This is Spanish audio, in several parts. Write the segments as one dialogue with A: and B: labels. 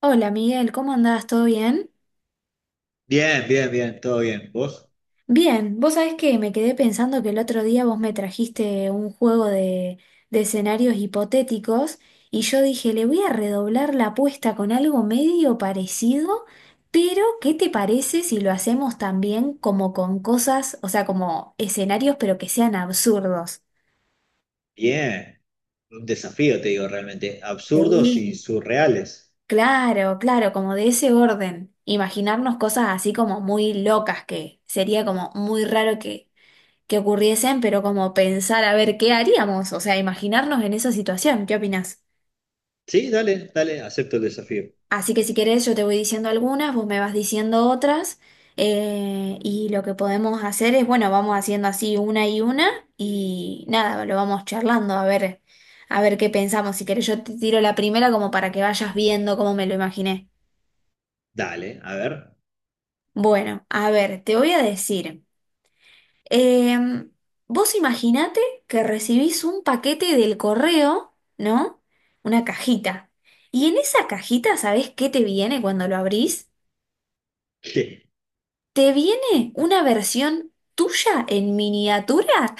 A: Hola Miguel, ¿cómo andás? ¿Todo bien?
B: Bien, bien, bien, todo bien. ¿Vos?
A: Bien, vos sabés que me quedé pensando que el otro día vos me trajiste un juego de escenarios hipotéticos y yo dije, le voy a redoblar la apuesta con algo medio parecido, pero ¿qué te parece si lo hacemos también como con cosas, o sea, como escenarios pero que sean absurdos?
B: Bien. Un desafío, te digo, realmente. Absurdos y
A: Sí.
B: surreales.
A: Claro, claro, como de ese orden. Imaginarnos cosas así como muy locas que sería como muy raro que ocurriesen, pero como pensar a ver qué haríamos, o sea, imaginarnos en esa situación, ¿qué opinás?
B: Sí, dale, dale, acepto el desafío.
A: Así que si querés yo te voy diciendo algunas, vos me vas diciendo otras, y lo que podemos hacer es, bueno, vamos haciendo así una, y nada, lo vamos charlando a ver qué pensamos. Si querés yo te tiro la primera como para que vayas viendo cómo me lo imaginé.
B: Dale, a ver.
A: Bueno, a ver, te voy a decir. Em, vos imaginate que recibís un paquete del correo, ¿no? Una cajita. Y en esa cajita, ¿sabés qué te viene cuando lo abrís?
B: ¿Qué?
A: Te viene una versión tuya en miniatura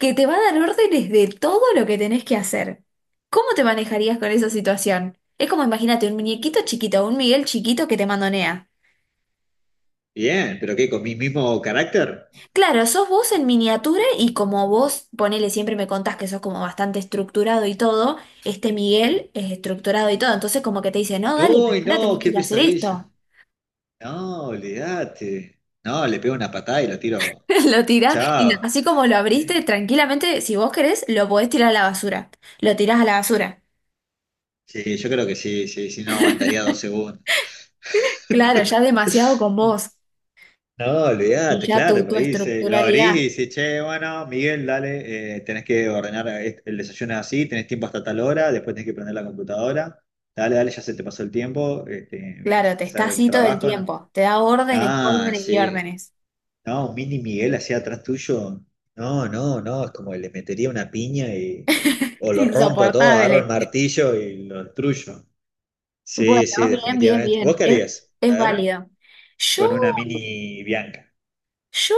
A: que te va a dar órdenes de todo lo que tenés que hacer. ¿Cómo te manejarías con esa situación? Es como imagínate un muñequito chiquito, un Miguel chiquito que te mandonea.
B: Bien, pero ¿qué? ¿Con mi mismo carácter?
A: Claro, sos vos en miniatura y como vos, ponele, siempre me contás que sos como bastante estructurado y todo, este Miguel es estructurado y todo, entonces como que te dice, no, dale, pero
B: Uy,
A: ahora
B: no,
A: tenés que
B: qué
A: ir a hacer
B: pesadilla.
A: esto.
B: No, olvídate. No, le pego una patada y lo tiro.
A: Lo tirás y no,
B: Chao.
A: así como lo abriste,
B: ¿Eh?
A: tranquilamente, si vos querés, lo podés tirar a la basura. Lo tirás a la basura.
B: Sí, yo creo que sí, sí, sí, no aguantaría 2 segundos.
A: Claro, ya demasiado con vos
B: No,
A: y
B: olvídate,
A: ya
B: claro,
A: tu,
B: por
A: tu
B: ahí lo abrís y
A: estructuralidad.
B: dices, che, bueno, Miguel, dale, tenés que ordenar el desayuno es así, tenés tiempo hasta tal hora, después tenés que prender la computadora, dale, dale, ya se te pasó el tiempo,
A: Claro, te está
B: hacer el
A: así todo el
B: trabajo, ¿no?
A: tiempo, te da órdenes,
B: Ah,
A: órdenes y
B: sí,
A: órdenes.
B: no, un mini Miguel así atrás tuyo, no, no, no, es como que le metería una piña y, o lo rompo todo, agarro el
A: Insoportable.
B: martillo y lo destruyo.
A: Bueno,
B: Sí, sí,
A: bien, bien,
B: definitivamente. ¿Vos
A: bien.
B: qué
A: Es,
B: harías? A
A: es
B: ver,
A: válido. Yo,
B: con una mini Bianca.
A: yo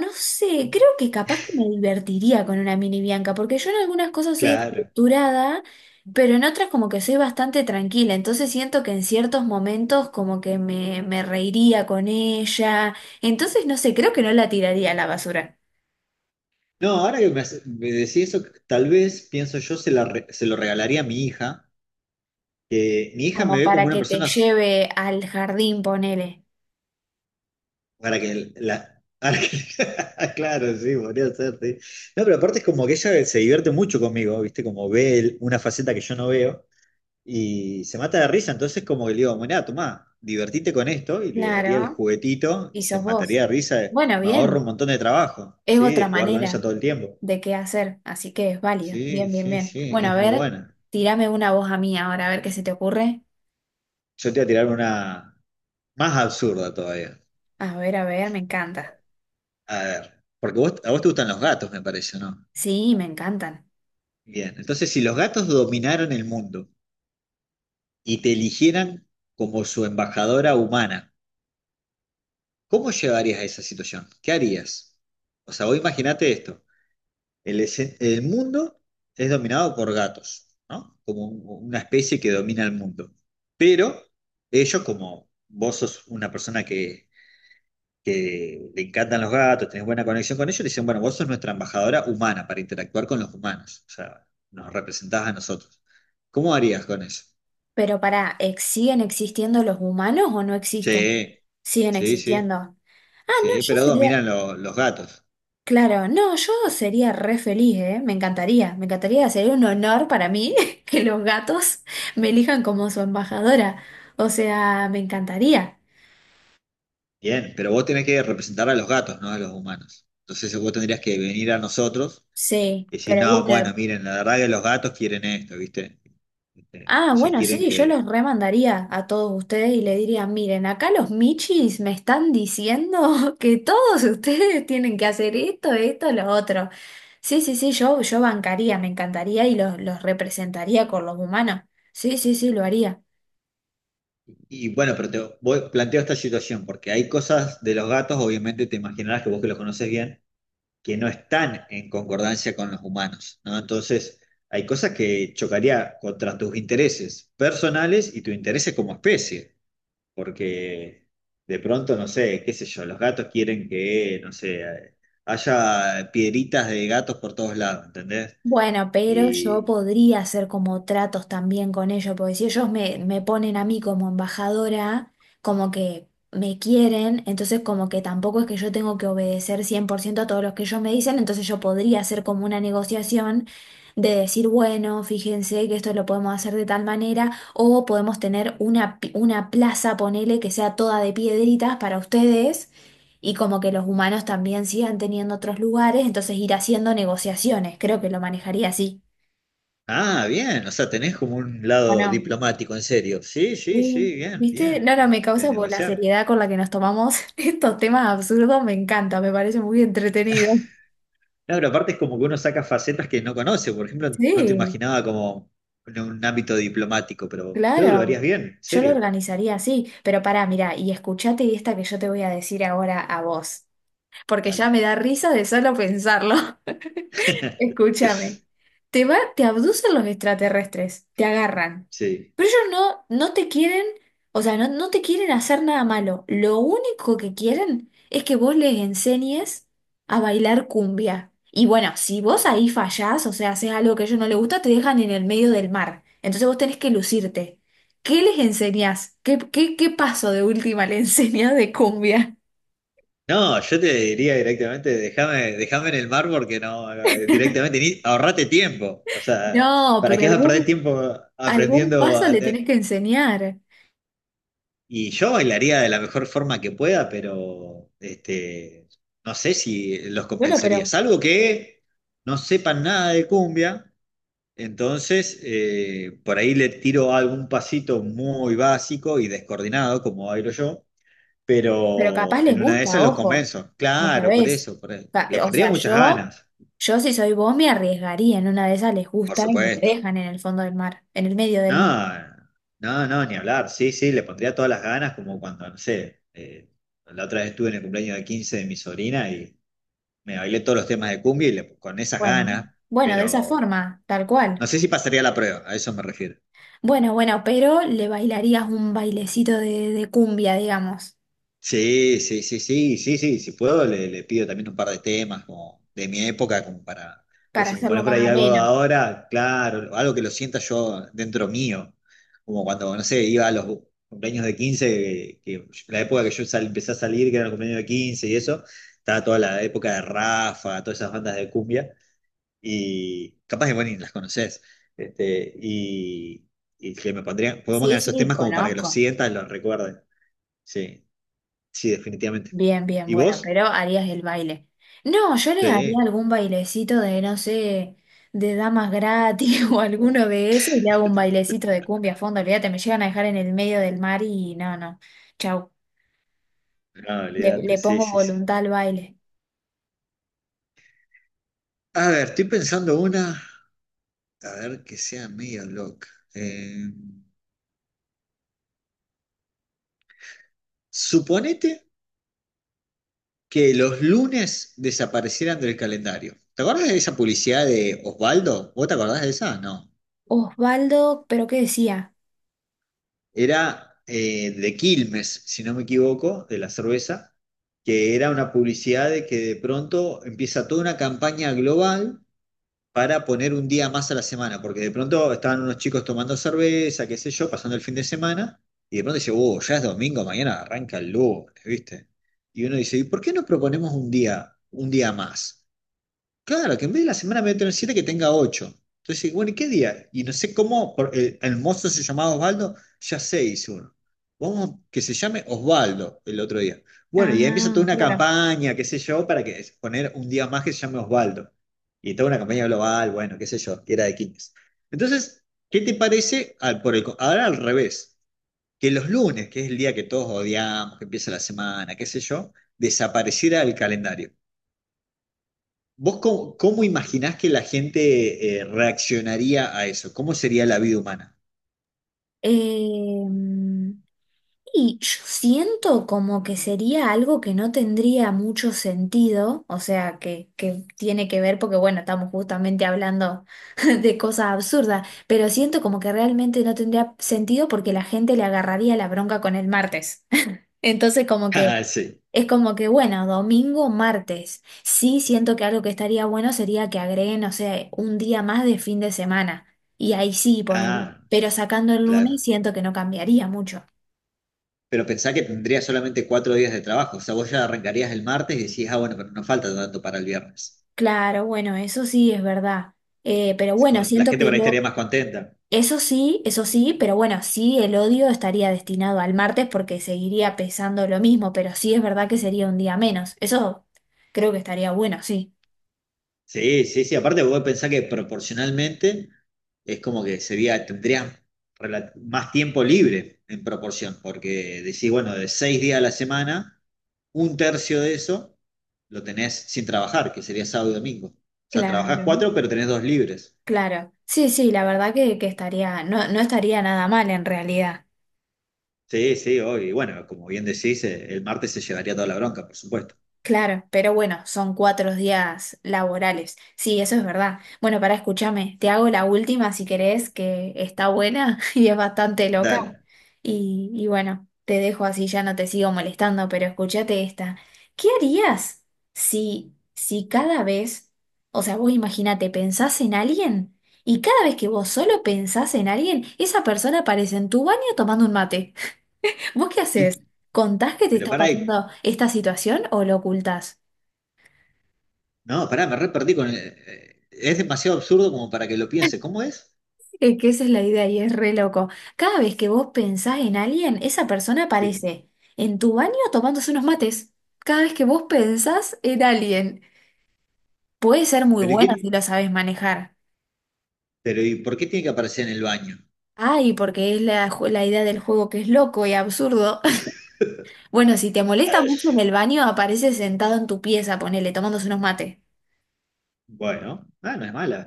A: no sé, creo que capaz que me divertiría con una mini Bianca, porque yo en algunas cosas soy
B: Claro.
A: estructurada, pero en otras como que soy bastante tranquila. Entonces siento que en ciertos momentos como que me reiría con ella. Entonces no sé, creo que no la tiraría a la basura.
B: No, ahora que me decís eso, tal vez pienso yo se lo regalaría a mi hija, que mi hija me
A: Como
B: ve como
A: para
B: una
A: que te
B: persona s-
A: lleve al jardín, ponele.
B: para que la... para que- Claro, sí, podría ser, sí. No, pero aparte es como que ella se divierte mucho conmigo, ¿viste? Como ve una faceta que yo no veo y se mata de risa, entonces como que le digo, bueno, tomá, divertite con esto y le daría el
A: Claro.
B: juguetito y
A: Y
B: se
A: sos vos.
B: mataría de risa,
A: Bueno,
B: me ahorro un
A: bien.
B: montón de trabajo,
A: Es
B: ¿sí? De
A: otra
B: jugar con ella
A: manera
B: todo el tiempo.
A: de qué hacer, así que es válido.
B: Sí,
A: Bien, bien,
B: sí,
A: bien.
B: sí,
A: Bueno, a
B: es muy
A: ver,
B: buena.
A: tírame una voz a mí ahora, a ver qué se te ocurre.
B: Yo te voy a tirar una. Más absurdo todavía.
A: A ver, me encanta.
B: A ver, porque vos, a vos te gustan los gatos, me parece, ¿no?
A: Sí, me encantan.
B: Bien, entonces si los gatos dominaran el mundo y te eligieran como su embajadora humana, ¿cómo llevarías a esa situación? ¿Qué harías? O sea, vos imaginate esto, el mundo es dominado por gatos, ¿no? Como una especie que domina el mundo. Pero ellos, como vos sos una persona que le encantan los gatos, tenés buena conexión con ellos, le dicen, bueno, vos sos nuestra embajadora humana para interactuar con los humanos, o sea, nos representás a nosotros. ¿Cómo harías con eso?
A: Pero para ¿siguen existiendo los humanos o no existen?
B: Sí,
A: Siguen
B: sí,
A: existiendo.
B: sí,
A: Ah, no,
B: sí,
A: yo
B: pero
A: sería,
B: dominan los gatos.
A: claro, no, yo sería re feliz, ¿eh? Me encantaría, sería un honor para mí que los gatos me elijan como su embajadora. O sea, me encantaría.
B: Bien, pero vos tenés que representar a los gatos, no a los humanos. Entonces vos tendrías que venir a nosotros
A: Sí,
B: y decir,
A: pero
B: no,
A: bueno.
B: bueno, miren, la verdad que los gatos quieren esto, ¿viste? Este,
A: Ah,
B: no se
A: bueno,
B: quieren
A: sí, yo los
B: que.
A: remandaría a todos ustedes y le diría, miren, acá los michis me están diciendo que todos ustedes tienen que hacer esto, esto, lo otro. Sí, sí, sí, yo bancaría, me encantaría y los representaría con los humanos. Sí, sí, sí, lo haría.
B: Y bueno, pero planteo esta situación, porque hay cosas de los gatos, obviamente te imaginarás que vos que los conoces bien, que no están en concordancia con los humanos, ¿no? Entonces, hay cosas que chocaría contra tus intereses personales y tu intereses como especie, porque de pronto, no sé, qué sé yo, los gatos quieren que, no sé, haya piedritas de gatos por todos lados, ¿entendés?
A: Bueno, pero yo
B: Y.
A: podría hacer como tratos también con ellos, porque si ellos me ponen a mí como embajadora, como que me quieren, entonces como que tampoco es que yo tengo que obedecer 100% a todos los que ellos me dicen, entonces yo podría hacer como una negociación de decir, bueno, fíjense que esto lo podemos hacer de tal manera, o podemos tener una plaza, ponele, que sea toda de piedritas para ustedes. Y como que los humanos también sigan teniendo otros lugares, entonces ir haciendo negociaciones. Creo que lo manejaría así.
B: Ah, bien, o sea, tenés como un
A: ¿O
B: lado
A: no?
B: diplomático, en serio. Sí, sí, sí,
A: Sí.
B: bien,
A: ¿Viste?
B: bien,
A: Laura, me
B: de
A: causa por la
B: negociar.
A: seriedad con la que nos tomamos estos temas absurdos. Me encanta, me parece muy entretenido.
B: No, pero aparte es como que uno saca facetas que no conoce. Por ejemplo, no te
A: Sí,
B: imaginaba como en un ámbito diplomático, pero creo que lo
A: claro.
B: harías bien, en
A: Yo lo
B: serio.
A: organizaría así. Pero pará, mira, y escuchate esta que yo te voy a decir ahora a vos. Porque ya
B: Dale.
A: me da risa de solo pensarlo. Escúchame, te abducen los extraterrestres, te agarran,
B: Sí.
A: pero ellos no, no te quieren, o sea, no, no te quieren hacer nada malo. Lo único que quieren es que vos les enseñes a bailar cumbia. Y bueno, si vos ahí fallás, o sea, haces algo que a ellos no les gusta, te dejan en el medio del mar. Entonces vos tenés que lucirte. ¿Qué les enseñás? ¿Qué paso de última le enseñás de cumbia?
B: No, yo te diría directamente, déjame, déjame en el mar porque no, directamente, ni, ahorrate tiempo. O sea,
A: No,
B: ¿para
A: pero
B: qué vas a perder
A: algún,
B: tiempo
A: algún
B: aprendiendo?
A: paso le tenés que enseñar.
B: Y yo bailaría de la mejor forma que pueda, pero no sé si los
A: Bueno,
B: convencería.
A: pero
B: Salvo que no sepan nada de cumbia, entonces por ahí le tiro algún pasito muy básico y descoordinado, como bailo yo,
A: Pero capaz
B: pero
A: les
B: en una de
A: gusta,
B: esas los
A: ojo,
B: convenzo.
A: no
B: Claro, por
A: sabés.
B: eso, por eso. Le
A: O
B: pondría
A: sea,
B: muchas
A: yo,
B: ganas,
A: yo si soy vos me arriesgaría, en una de esas les
B: por
A: gusta y lo
B: supuesto.
A: dejan en el fondo del mar, en el medio del mar.
B: No, no, no, ni hablar. Sí, sí, le pondría todas las ganas, como cuando, no sé, la otra vez estuve en el cumpleaños de 15 de mi sobrina y me bailé todos los temas de cumbia y con esas
A: Bueno,
B: ganas,
A: bueno, de esa
B: pero
A: forma, tal
B: no
A: cual.
B: sé si pasaría la prueba, a eso me refiero.
A: Bueno, bueno, pero le bailarías un bailecito de cumbia, digamos,
B: Sí, sí, sí, sí, sí, sí, si puedo le pido también un par de temas como de mi época, como para, pues
A: para
B: si me
A: hacerlo
B: pones por
A: más
B: ahí algo de
A: ameno.
B: ahora, claro, algo que lo sienta yo dentro mío, como cuando, no sé, iba a los cumpleaños de 15 que la época que yo empecé a salir, que era el cumpleaños de 15 y eso, estaba toda la época de Rafa, todas esas bandas de cumbia, y capaz que, bueno, ni las conoces, este, y, y que me pondrían, pongan
A: Sí,
B: esos
A: sí,
B: temas como para que los
A: conozco.
B: sientas, los recuerdes, sí. Sí, definitivamente.
A: Bien, bien,
B: ¿Y
A: bueno,
B: vos?
A: pero harías el baile. No, yo le haría
B: Sí,
A: algún bailecito de, no sé, de damas gratis o alguno de esos y le hago un bailecito de cumbia a fondo. Olvídate, me llegan a dejar en el medio del mar y no, no. Chau.
B: no,
A: Le,
B: olvídate,
A: le
B: sí,
A: pongo
B: sí, sí.
A: voluntad al baile.
B: A ver, estoy pensando una, a ver que sea medio loca. Eh, suponete que los lunes desaparecieran del calendario. ¿Te acordás de esa publicidad de Osvaldo? ¿Vos te acordás de esa? No.
A: Osvaldo, ¿pero qué decía?
B: Era de Quilmes, si no me equivoco, de la cerveza, que era una publicidad de que de pronto empieza toda una campaña global, para poner un día más a la semana, porque de pronto estaban unos chicos tomando cerveza, qué sé yo, pasando el fin de semana, y de pronto dice, oh, ya es domingo, mañana arranca el lunes, ¿viste? Y uno dice, ¿y por qué no proponemos un día más? Claro, que en vez de la semana voy a tener siete, que tenga ocho. Entonces, bueno, ¿y qué día? Y no sé cómo, el mozo se llamaba Osvaldo, ya sé, hizo uno. Vamos, que se llame Osvaldo el otro día. Bueno, y ahí empieza toda
A: Ah,
B: una
A: claro.
B: campaña, qué sé yo, para que poner un día más que se llame Osvaldo. Y toda una campaña global, bueno, qué sé yo, que era de quienes. Entonces, ¿qué te parece? Ahora al revés, que los lunes, que es el día que todos odiamos, que empieza la semana, qué sé yo, desapareciera el calendario. ¿Vos cómo imaginás que la gente reaccionaría a eso? ¿Cómo sería la vida humana?
A: Eh, Y yo siento como que sería algo que no tendría mucho sentido, o sea, que tiene que ver, porque bueno, estamos justamente hablando de cosas absurdas, pero siento como que realmente no tendría sentido porque la gente le agarraría la bronca con el martes. Entonces como que
B: Ah, sí.
A: es como que bueno, domingo, martes. Sí siento que algo que estaría bueno sería que agreguen, no sé, un día más de fin de semana. Y ahí sí ponerlo.
B: Ah,
A: Pero sacando el
B: claro.
A: lunes siento que no cambiaría mucho.
B: Pero pensá que tendría solamente 4 días de trabajo. O sea, vos ya arrancarías el martes y decís, ah, bueno, pero nos falta tanto para el viernes.
A: Claro, bueno, eso sí es verdad. Pero bueno,
B: La
A: siento
B: gente
A: que
B: por ahí estaría
A: lo.
B: más contenta.
A: Eso sí, pero bueno, sí, el odio estaría destinado al martes porque seguiría pesando lo mismo, pero sí es verdad que sería un día menos. Eso creo que estaría bueno, sí.
B: Sí, sí, sí. Aparte, vos pensás que proporcionalmente es como que sería, tendrías más tiempo libre en proporción, porque decís, bueno, de 6 días a la semana, un tercio de eso lo tenés sin trabajar, que sería sábado y domingo. O sea, trabajás
A: Claro.
B: cuatro, pero tenés dos libres.
A: Claro. Sí, sí, la verdad que estaría, no, no estaría nada mal en realidad.
B: Sí, sí, obvio. Y bueno, como bien decís, el martes se llevaría toda la bronca, por supuesto.
A: Claro, pero bueno, son 4 días laborales. Sí, eso es verdad. Bueno, para escúchame, te hago la última si querés, que está buena y es bastante loca.
B: Dale.
A: Y bueno, te dejo así, ya no te sigo molestando, pero escúchate esta. ¿Qué harías si cada vez, o sea, vos imagínate, pensás en alguien y cada vez que vos solo pensás en alguien, esa persona aparece en tu baño tomando un mate? ¿Vos qué haces?
B: Y-
A: ¿Contás que te
B: pero
A: está
B: pará,
A: pasando esta situación o lo ocultás?
B: no, pará, me re perdí con es demasiado absurdo como para que lo piense. ¿Cómo es?
A: Es que esa es la idea y es re loco. Cada vez que vos pensás en alguien, esa persona
B: Sí.
A: aparece en tu baño tomándose unos mates. Cada vez que vos pensás en alguien, puede ser muy
B: Pero ¿y
A: buena si
B: qué?
A: la sabes manejar.
B: Pero ¿y por qué tiene que aparecer en el baño?
A: Ay, porque es la idea del juego que es loco y absurdo. Bueno, si te molesta mucho en el baño, aparece sentado en tu pieza, ponele, tomándose unos mates.
B: Bueno, ah, no es mala.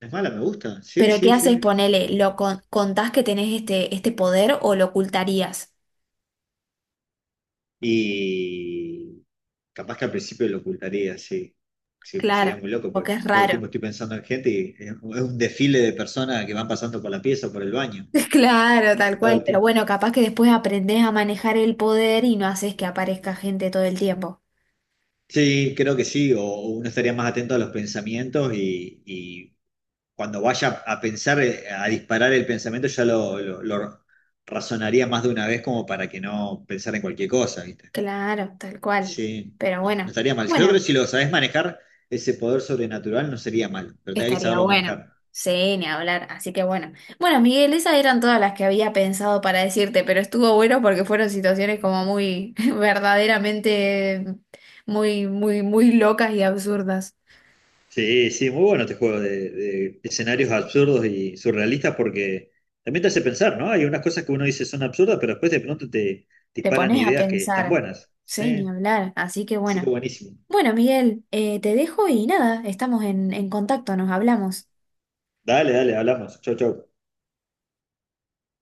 B: No es mala, me gusta. Sí,
A: Pero ¿qué
B: sí,
A: haces?
B: sí.
A: Ponele, ¿lo contás que tenés este poder o lo ocultarías?
B: Y capaz que al principio lo ocultaría, sí. Sí, pues
A: Claro,
B: sería muy loco,
A: porque
B: porque
A: es
B: todo el
A: raro.
B: tiempo estoy pensando en gente y es un desfile de personas que van pasando por la pieza o por el baño.
A: Claro, tal
B: Todo
A: cual,
B: el
A: pero
B: tiempo.
A: bueno, capaz que después aprendés a manejar el poder y no haces que aparezca gente todo el tiempo.
B: Sí, creo que sí. O uno estaría más atento a los pensamientos y cuando vaya a pensar, a disparar el pensamiento, ya lo razonaría más de una vez como para que no pensar en cualquier cosa, ¿viste?
A: Claro, tal cual.
B: Sí,
A: Pero
B: no, no
A: bueno,
B: estaría mal. Yo creo que
A: bueno,
B: si lo sabés manejar, ese poder sobrenatural no sería mal, pero tenés que
A: estaría
B: saberlo
A: bueno.
B: manejar.
A: Sí, ni hablar, así que bueno. Bueno, Miguel, esas eran todas las que había pensado para decirte, pero estuvo bueno porque fueron situaciones como muy, verdaderamente, muy, muy, muy locas y absurdas.
B: Sí, sí, muy bueno este juego de escenarios absurdos y surrealistas porque también te hace pensar, ¿no? Hay unas cosas que uno dice son absurdas, pero después de pronto te
A: Te
B: disparan
A: pones a
B: ideas que están
A: pensar,
B: buenas. Sí,
A: sí, ni hablar, así que
B: sí que
A: bueno.
B: buenísimo.
A: Bueno, Miguel, te dejo y nada, estamos en contacto, nos hablamos.
B: Dale, dale, hablamos. Chau, chau.